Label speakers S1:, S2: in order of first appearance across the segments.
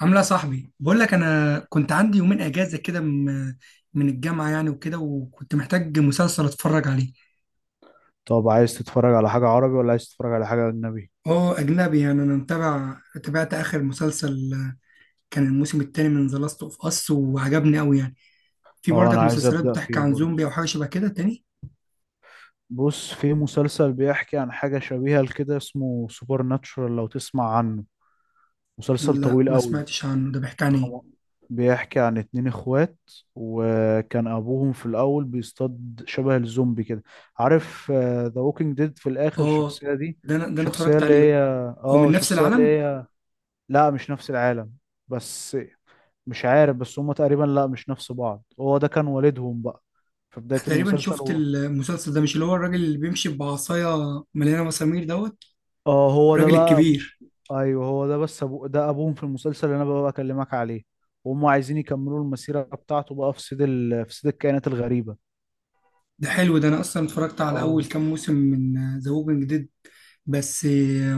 S1: عامله إيه يا صاحبي؟ بقول لك انا كنت عندي يومين اجازه كده من الجامعه يعني، وكده، وكنت محتاج مسلسل اتفرج عليه.
S2: طب عايز تتفرج على حاجة عربي ولا عايز تتفرج على حاجة أجنبي؟
S1: اه اجنبي. يعني انا تابعت اخر مسلسل كان الموسم الثاني من ذا لاست اوف اس، وعجبني قوي يعني. في
S2: اه، أنا
S1: برضك
S2: عايز
S1: مسلسلات
S2: أبدأ
S1: بتحكي
S2: فيه
S1: عن
S2: برضه.
S1: زومبي او حاجه شبه كده تاني؟
S2: بص، في مسلسل بيحكي عن حاجة شبيهة لكده اسمه سوبر ناتشورال لو تسمع عنه. مسلسل
S1: لا،
S2: طويل
S1: ما
S2: قوي.
S1: سمعتش عنه. ده بيحكي عن ايه؟
S2: خم- بيحكي عن اتنين اخوات، وكان أبوهم في الأول بيصطاد شبه الزومبي كده. عارف ذا ووكينج ديد؟ في الآخر
S1: اه،
S2: الشخصية دي.
S1: ده انا
S2: شخصية
S1: اتفرجت
S2: اللي
S1: عليه.
S2: هي
S1: هو
S2: اه
S1: من نفس
S2: شخصية اللي
S1: العالم؟
S2: هي. لا مش نفس العالم. بس مش عارف، بس هما تقريبا لا مش نفس بعض، هو ده كان والدهم بقى في بداية
S1: تقريبا
S2: المسلسل
S1: شفت
S2: هو.
S1: المسلسل ده. مش اللي هو الراجل اللي بيمشي بعصايه مليانه مسامير دوت؟
S2: اه، هو ده
S1: الراجل
S2: بقى ابوه.
S1: الكبير؟
S2: ايوه هو ده، بس ابوهم في المسلسل اللي انا بقى بكلمك عليه. وهم عايزين يكملوا المسيرة بتاعته بقى في صيد الكائنات الغريبة.
S1: ده حلو. ده انا اصلا اتفرجت على
S2: اه.
S1: اول كام موسم من ذا ووكينج ديد، بس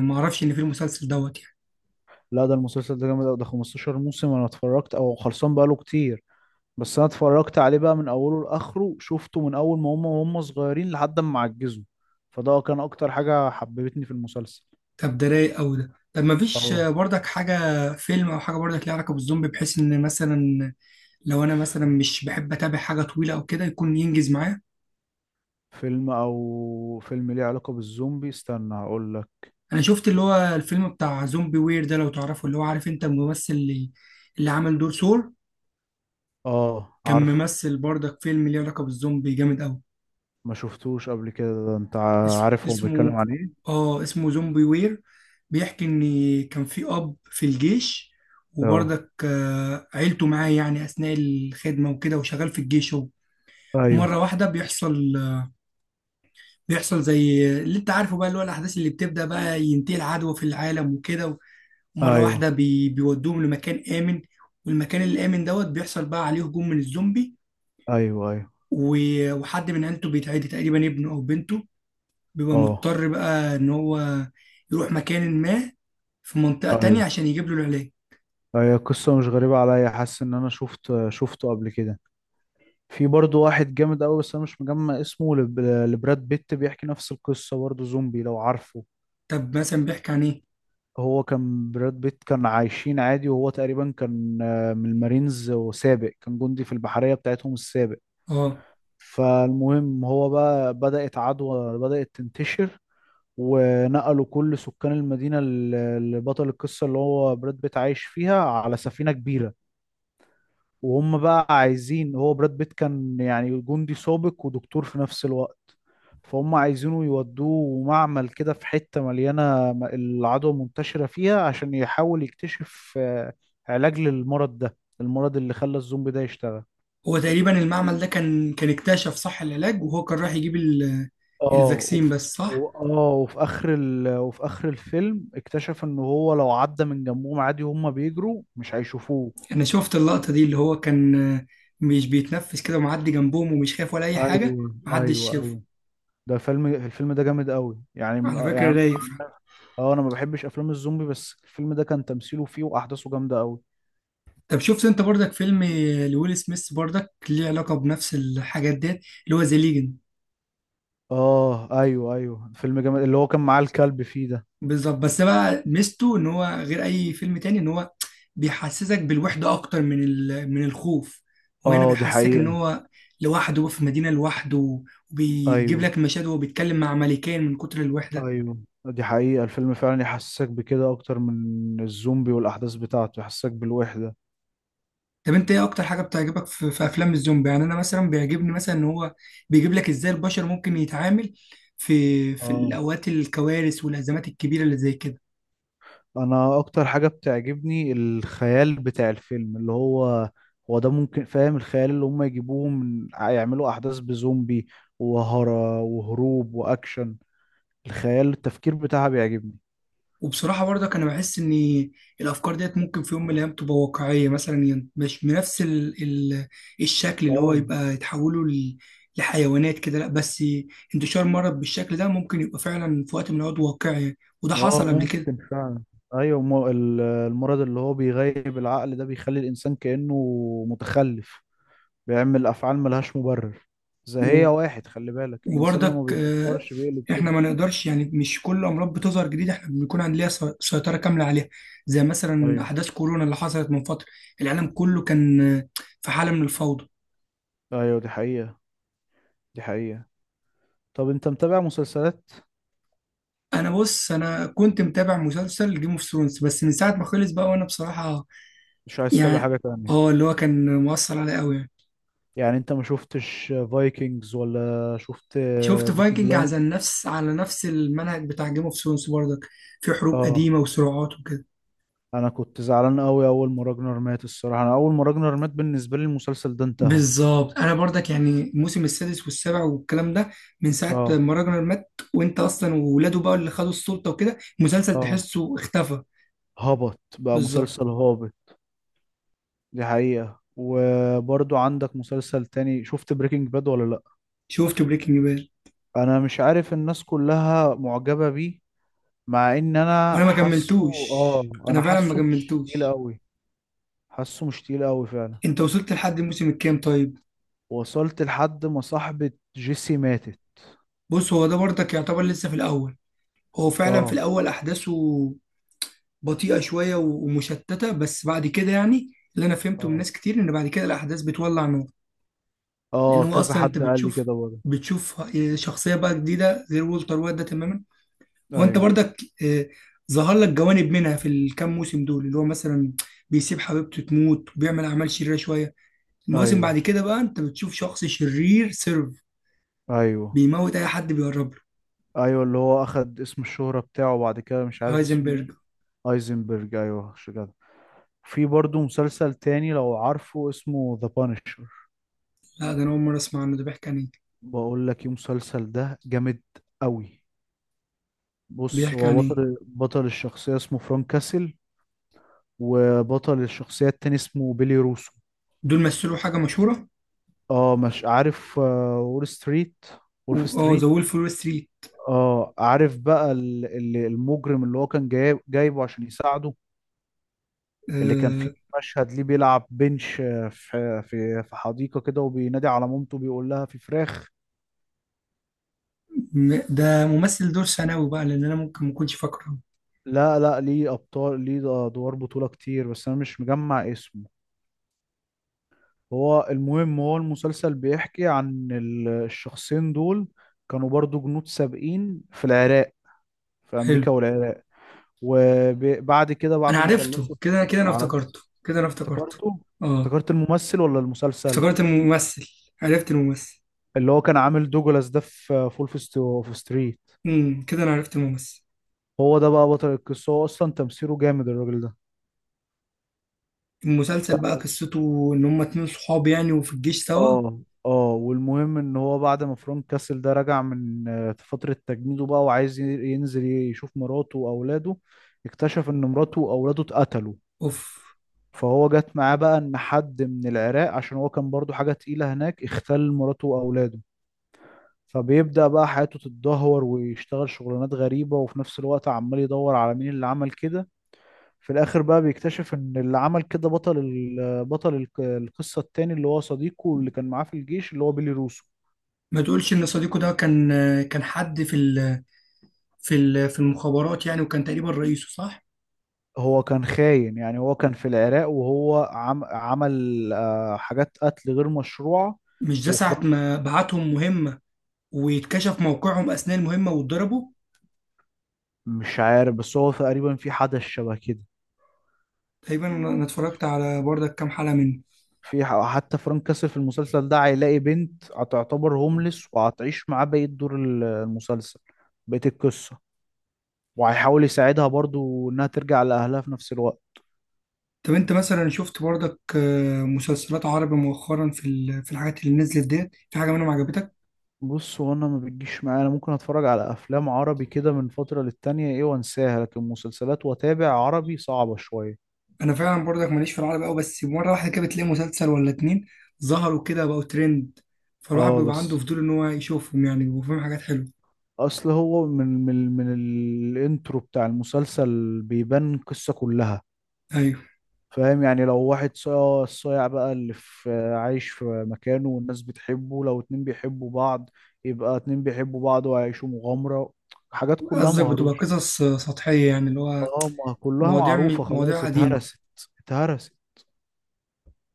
S1: ما اعرفش ان في المسلسل دوت يعني.
S2: لا، ده المسلسل ده جامد أوي، ده 15 موسم، انا اتفرجت او خلصان بقاله كتير. بس انا اتفرجت عليه بقى من اوله لاخره، شفته من اول ما هم صغيرين لحد ما عجزوا. فده كان اكتر حاجة حببتني في المسلسل.
S1: طب ده رايق قوي ده. طب ما فيش
S2: اه.
S1: برضك حاجه، فيلم او حاجه برضك ليها علاقه بالزومبي، بحيث ان مثلا لو انا مثلا مش بحب اتابع حاجه طويله او كده، يكون ينجز معايا؟
S2: فيلم ليه علاقة بالزومبي، استنى هقول لك.
S1: انا شفت اللي هو الفيلم بتاع زومبي وير، ده لو تعرفه، اللي هو عارف انت الممثل اللي عمل دور سور،
S2: اه،
S1: كان
S2: عارفه.
S1: ممثل برضك فيلم ليه علاقه بالزومبي جامد قوي.
S2: ما شفتوش قبل كده ده انت.
S1: اس-
S2: عارف هو بيتكلم
S1: اسمه
S2: عن ايه.
S1: اه، اسمه زومبي وير. بيحكي ان كان في اب في الجيش،
S2: اه،
S1: وبرضك عيلته معاه يعني اثناء الخدمه وكده، وشغال في الجيش هو. ومره
S2: ايوه،
S1: واحده بيحصل زي اللي انت عارفه بقى، اللي هو الاحداث اللي بتبدا بقى، ينتهي العدوى في العالم وكده. ومره
S2: ايوه،
S1: واحده بيودوهم لمكان امن، والمكان الامن دوت بيحصل بقى عليه هجوم من الزومبي.
S2: ايوه. ايوه،
S1: و... وحد من عيلته بيتعدي، تقريبا ابنه او بنته، بيبقى
S2: اه،
S1: مضطر بقى ان هو يروح مكان ما في منطقة تانية
S2: ايوه.
S1: عشان يجيب له العلاج.
S2: هي قصة مش غريبة عليا، حاسس ان انا شفته قبل كده. في برضه واحد جامد قوي بس انا مش مجمع اسمه، لبراد بيت، بيحكي نفس القصة برضه زومبي لو عارفه.
S1: طب مثلا بيحكي عن ايه؟
S2: هو كان براد بيت كان عايشين عادي، وهو تقريبا كان من المارينز وسابق، كان جندي في البحرية بتاعتهم السابق.
S1: اه،
S2: فالمهم هو بقى بدأت عدوى بدأت تنتشر. ونقلوا كل سكان المدينة اللي بطل القصة اللي هو براد بيت عايش فيها على سفينة كبيرة. وهم بقى عايزين، هو براد بيت كان يعني جندي سابق ودكتور في نفس الوقت. فهم عايزينه يودوه معمل كده في حتة مليانة، العدوى منتشرة فيها، عشان يحاول يكتشف علاج للمرض ده، المرض اللي خلى الزومبي ده يشتغل.
S1: هو تقريبا المعمل ده كان اكتشف صح العلاج، وهو كان رايح يجيب
S2: اه
S1: الفاكسين
S2: وف...
S1: بس، صح؟
S2: و- اه وفي اخر ال... وفي اخر الفيلم اكتشف ان هو لو عدى من جنبهم عادي وهم بيجروا مش هيشوفوه.
S1: انا شفت اللقطة دي اللي هو كان مش بيتنفس كده ومعدي جنبهم ومش خايف ولا اي حاجة،
S2: ايوه،
S1: محدش
S2: ايوه،
S1: شافه.
S2: ايوه. ده فيلم الفيلم ده جامد قوي يعني من
S1: على
S2: آه،
S1: فكرة
S2: يعني
S1: رايق
S2: أنا-
S1: فعلا.
S2: اه، انا ما بحبش افلام الزومبي، بس الفيلم ده كان تمثيله فيه واحداثه جامده قوي.
S1: طب شفت انت برضك فيلم لويل سميث برضك ليه علاقة بنفس الحاجات ديت، اللي هو ذا ليجن؟
S2: اه، ايوه، ايوه، فيلم جامد، اللي هو كان معاه الكلب فيه ده.
S1: بالظبط، بس بقى ميزته ان هو غير اي فيلم تاني، ان هو بيحسسك بالوحده اكتر من من الخوف، وهنا
S2: اه، دي
S1: بيحسسك ان
S2: حقيقه.
S1: هو لوحده في مدينه لوحده، وبيجيب
S2: ايوه،
S1: لك مشاهد وهو بيتكلم مع ملكين من كتر الوحده.
S2: ايوه، دي حقيقه، الفيلم فعلا يحسسك بكده اكتر من الزومبي والاحداث بتاعته يحسسك بالوحده.
S1: طب انت ايه اكتر حاجه بتعجبك في افلام الزومبي؟ يعني انا مثلا بيعجبني مثلا ان هو بيجيب لك ازاي البشر ممكن يتعامل في
S2: اه،
S1: الاوقات الكوارث والازمات الكبيره اللي زي كده.
S2: انا اكتر حاجه بتعجبني الخيال بتاع الفيلم، اللي هو ده، ممكن فاهم، الخيال اللي هم يجيبوه من يعملوا احداث بزومبي وهروب واكشن. الخيال، التفكير بتاعها بيعجبني.
S1: وبصراحة برضك أنا بحس إن الأفكار ديت ممكن في يوم من الأيام تبقى واقعية، مثلا يعني مش بنفس ال الشكل اللي هو
S2: اه.
S1: يبقى يتحولوا لحيوانات كده، لأ، بس انتشار مرض بالشكل ده ممكن يبقى فعلا في وقت من الأوقات واقعي، وده
S2: اه،
S1: حصل قبل كده.
S2: ممكن فعلا. ايوه، المرض اللي هو بيغيب العقل ده بيخلي الانسان كانه متخلف، بيعمل افعال ملهاش مبرر. زي
S1: و-
S2: واحد خلي بالك الانسان لما
S1: وبرضك
S2: بيفكرش بيقلب كده.
S1: إحنا ما نقدرش يعني مش كل أمراض بتظهر جديدة إحنا بنكون عندنا سيطرة كاملة عليها. زي مثلا
S2: ايوه،
S1: أحداث كورونا اللي حصلت من فترة، العالم كله كان في حالة من الفوضى.
S2: ايوه، دي حقيقه. دي حقيقه. طب انت متابع مسلسلات؟
S1: انا بص، انا كنت متابع مسلسل جيم اوف ثرونز، بس من ساعه ما خلص بقى، وانا بصراحه
S2: مش عايز تتابع
S1: يعني،
S2: حاجة تانية؟
S1: اه، اللي هو كان مؤثر عليا قوي يعني.
S2: يعني انت ما شفتش فايكنجز ولا شفت
S1: شفت
S2: بيكي
S1: فايكنج
S2: بلايند؟
S1: على نفس المنهج بتاع جيم اوف ثرونز برضك، في حروب
S2: اه،
S1: قديمه وصراعات وكده.
S2: انا كنت زعلان قوي اول ما راجنر مات. الصراحة انا اول ما راجنر مات بالنسبة لي المسلسل ده انتهى.
S1: بالظبط، انا برضك يعني الموسم السادس والسابع والكلام ده من ساعه
S2: اه.
S1: ما راجنر مات وانت اصلا، وولاده بقى اللي خدوا السلطه وكده، المسلسل
S2: اه،
S1: تحسه اختفى.
S2: هبط بقى،
S1: بالظبط.
S2: مسلسل هابط. دي حقيقة. وبرضو عندك مسلسل تاني، شفت بريكنج باد ولا لا؟
S1: شفت بريكنج باد،
S2: انا مش عارف الناس كلها معجبة بيه، مع ان انا
S1: وانا ما
S2: حاسه.
S1: كملتوش.
S2: اه،
S1: انا
S2: انا
S1: فعلا ما
S2: حاسه مش تقيل
S1: كملتوش.
S2: قوي. حاسه مش تقيل قوي فعلا.
S1: انت وصلت لحد الموسم الكام طيب؟
S2: وصلت لحد ما صاحبة جيسي ماتت.
S1: بص، هو ده برضك يعتبر لسه في الاول، هو فعلا في
S2: اه،
S1: الاول احداثه بطيئة شوية ومشتتة، بس بعد كده يعني اللي انا فهمته من
S2: اه،
S1: ناس كتير ان بعد كده الاحداث بتولع نور. لان
S2: اه،
S1: هو
S2: كذا
S1: اصلا انت
S2: حد قال لي
S1: بتشوف
S2: كده برضه.
S1: بتشوف شخصية بقى جديدة غير وولتر وايت ده تماما، وانت
S2: ايوه،
S1: برضك آه، ظهر لك جوانب منها في الكام موسم دول، اللي هو مثلا بيسيب حبيبته تموت وبيعمل اعمال شريرة شوية. المواسم بعد
S2: ايوه،
S1: كده بقى انت بتشوف شخص شرير سيرف
S2: ايوه،
S1: بيموت اي حد بيقرب له.
S2: ايوه، اللي هو اخد اسم الشهرة بتاعه بعد كده مش عارف اسمه.
S1: هايزنبرج.
S2: ايه، ايزنبرج، ايوه مش كده. في برضه مسلسل تاني لو عارفه اسمه ذا بانشر.
S1: لا، ده انا اول مره اسمع عنه. ده بيحكي عن ايه؟
S2: بقول لك ايه، المسلسل ده جامد قوي. بص،
S1: بيحكي عن
S2: هو
S1: ايه
S2: بطل الشخصية اسمه فرانك كاسل. وبطل الشخصية التاني اسمه بيلي روسو.
S1: دول مثلوا حاجه مشهوره،
S2: اه. مش عارف، وولف
S1: اه، ذا
S2: ستريت.
S1: وولف وول ستريت.
S2: اه، عارف بقى المجرم اللي هو كان جايبه عشان يساعده. اللي كان فيه
S1: آه،
S2: مشهد ليه بيلعب بنش في حديقة كده، وبينادي على مامته، بيقول لها في فراخ.
S1: ده ممثل دور ثانوي بقى لان انا ممكن ما اكونش فاكره.
S2: لا، لا، ليه ادوار بطولة كتير، بس انا مش مجمع اسمه. هو المهم، هو المسلسل بيحكي عن الشخصين دول، كانوا برضو جنود سابقين في امريكا
S1: حلو.
S2: والعراق. وبعد كده
S1: انا
S2: بعد ما
S1: عرفته
S2: خلصوا.
S1: كده كده، انا
S2: عرفت.
S1: افتكرته كده، انا افتكرته.
S2: افتكرته.
S1: اه،
S2: افتكرت الممثل ولا المسلسل؟
S1: افتكرت الممثل. عرفت الممثل.
S2: اللي هو كان عامل دوجلاس ده في فول في ستو في ستريت.
S1: كده انا عرفت الممثل.
S2: هو ده بقى بطل القصة، هو أصلا تمثيله جامد الراجل ده. ف...
S1: المسلسل بقى قصته ان هما اتنين صحاب يعني، وفي الجيش سوا.
S2: اه، اه، والمهم ان هو بعد ما فرانك كاسل ده رجع من فترة تجنيده بقى، وعايز ينزل يشوف مراته واولاده. اكتشف ان مراته واولاده اتقتلوا.
S1: اوف.
S2: فهو جت معاه بقى ان حد من العراق، عشان هو كان برضو حاجة تقيلة هناك اختل مراته واولاده. فبيبدأ بقى حياته تتدهور، ويشتغل شغلانات غريبة، وفي نفس الوقت عمال يدور على مين اللي عمل كده. في الآخر بقى بيكتشف إن اللي عمل كده بطل القصة التاني، اللي هو صديقه اللي كان معاه في الجيش اللي هو بيلي روسو.
S1: ما تقولش ان صديقه ده كان حد في المخابرات يعني، وكان تقريبا رئيسه، صح؟
S2: هو كان خاين يعني، هو كان في العراق وهو عمل حاجات قتل غير مشروعة.
S1: مش ده ساعة
S2: وفرانك.
S1: ما بعتهم مهمة ويتكشف موقعهم أثناء المهمة واتضربوا.
S2: مش عارف بس هو تقريبا في حدث شبه كده.
S1: تقريبا أنا اتفرجت على بردك كام حلقة منه.
S2: حتى فرانك كاسل في المسلسل ده هيلاقي بنت هتعتبر هوملس وهتعيش معاه بقية دور المسلسل. بقية القصة. وهيحاول يساعدها برضو انها ترجع لأهلها في نفس الوقت.
S1: طب أنت مثلا شفت بردك مسلسلات عربي مؤخرا، في في الحاجات اللي نزلت ديت في حاجة منهم عجبتك؟
S2: بص، هو انا ما بتجيش معايا، انا ممكن اتفرج على افلام عربي كده من فترة للتانية ايه وانساها، لكن مسلسلات واتابع عربي صعبة شوية.
S1: أنا فعلا بردك ماليش في العربي أوي، بس مرة واحدة كده بتلاقي مسلسل ولا اتنين ظهروا كده بقوا ترند، فالواحد
S2: اه
S1: بيبقى عنده
S2: بس،
S1: فضول إن هو يشوفهم يعني، بيبقوا فيهم حاجات حلوة.
S2: اصل هو من الانترو بتاع المسلسل بيبان القصة كلها.
S1: أيوه.
S2: فاهم يعني؟ لو واحد صايع، الصايع بقى اللي في، عايش في مكانه والناس بتحبه، لو اتنين بيحبوا بعض، يبقى اتنين بيحبوا بعض وهيعيشوا مغامرة. حاجات كلها
S1: قصدك بتبقى
S2: مهروشة.
S1: قصص سطحية، يعني اللي هو
S2: اه، ما كلها
S1: مواضيع
S2: معروفة،
S1: مواضيع
S2: خلاص
S1: قديمة.
S2: اتهرست. اتهرست.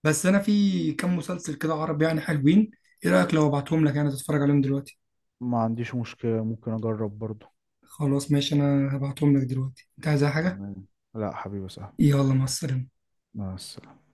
S1: بس انا في كام مسلسل كده عربي يعني حلوين. ايه رايك لو ابعتهم لك انا تتفرج عليهم دلوقتي؟
S2: ما عنديش مشكلة، ممكن اجرب برضو.
S1: خلاص، ماشي. انا هبعتهم لك دلوقتي. انت عايز أي حاجه؟
S2: تمام. لا حبيبي، سهل.
S1: يلا، مع السلامه.
S2: مع السلامة.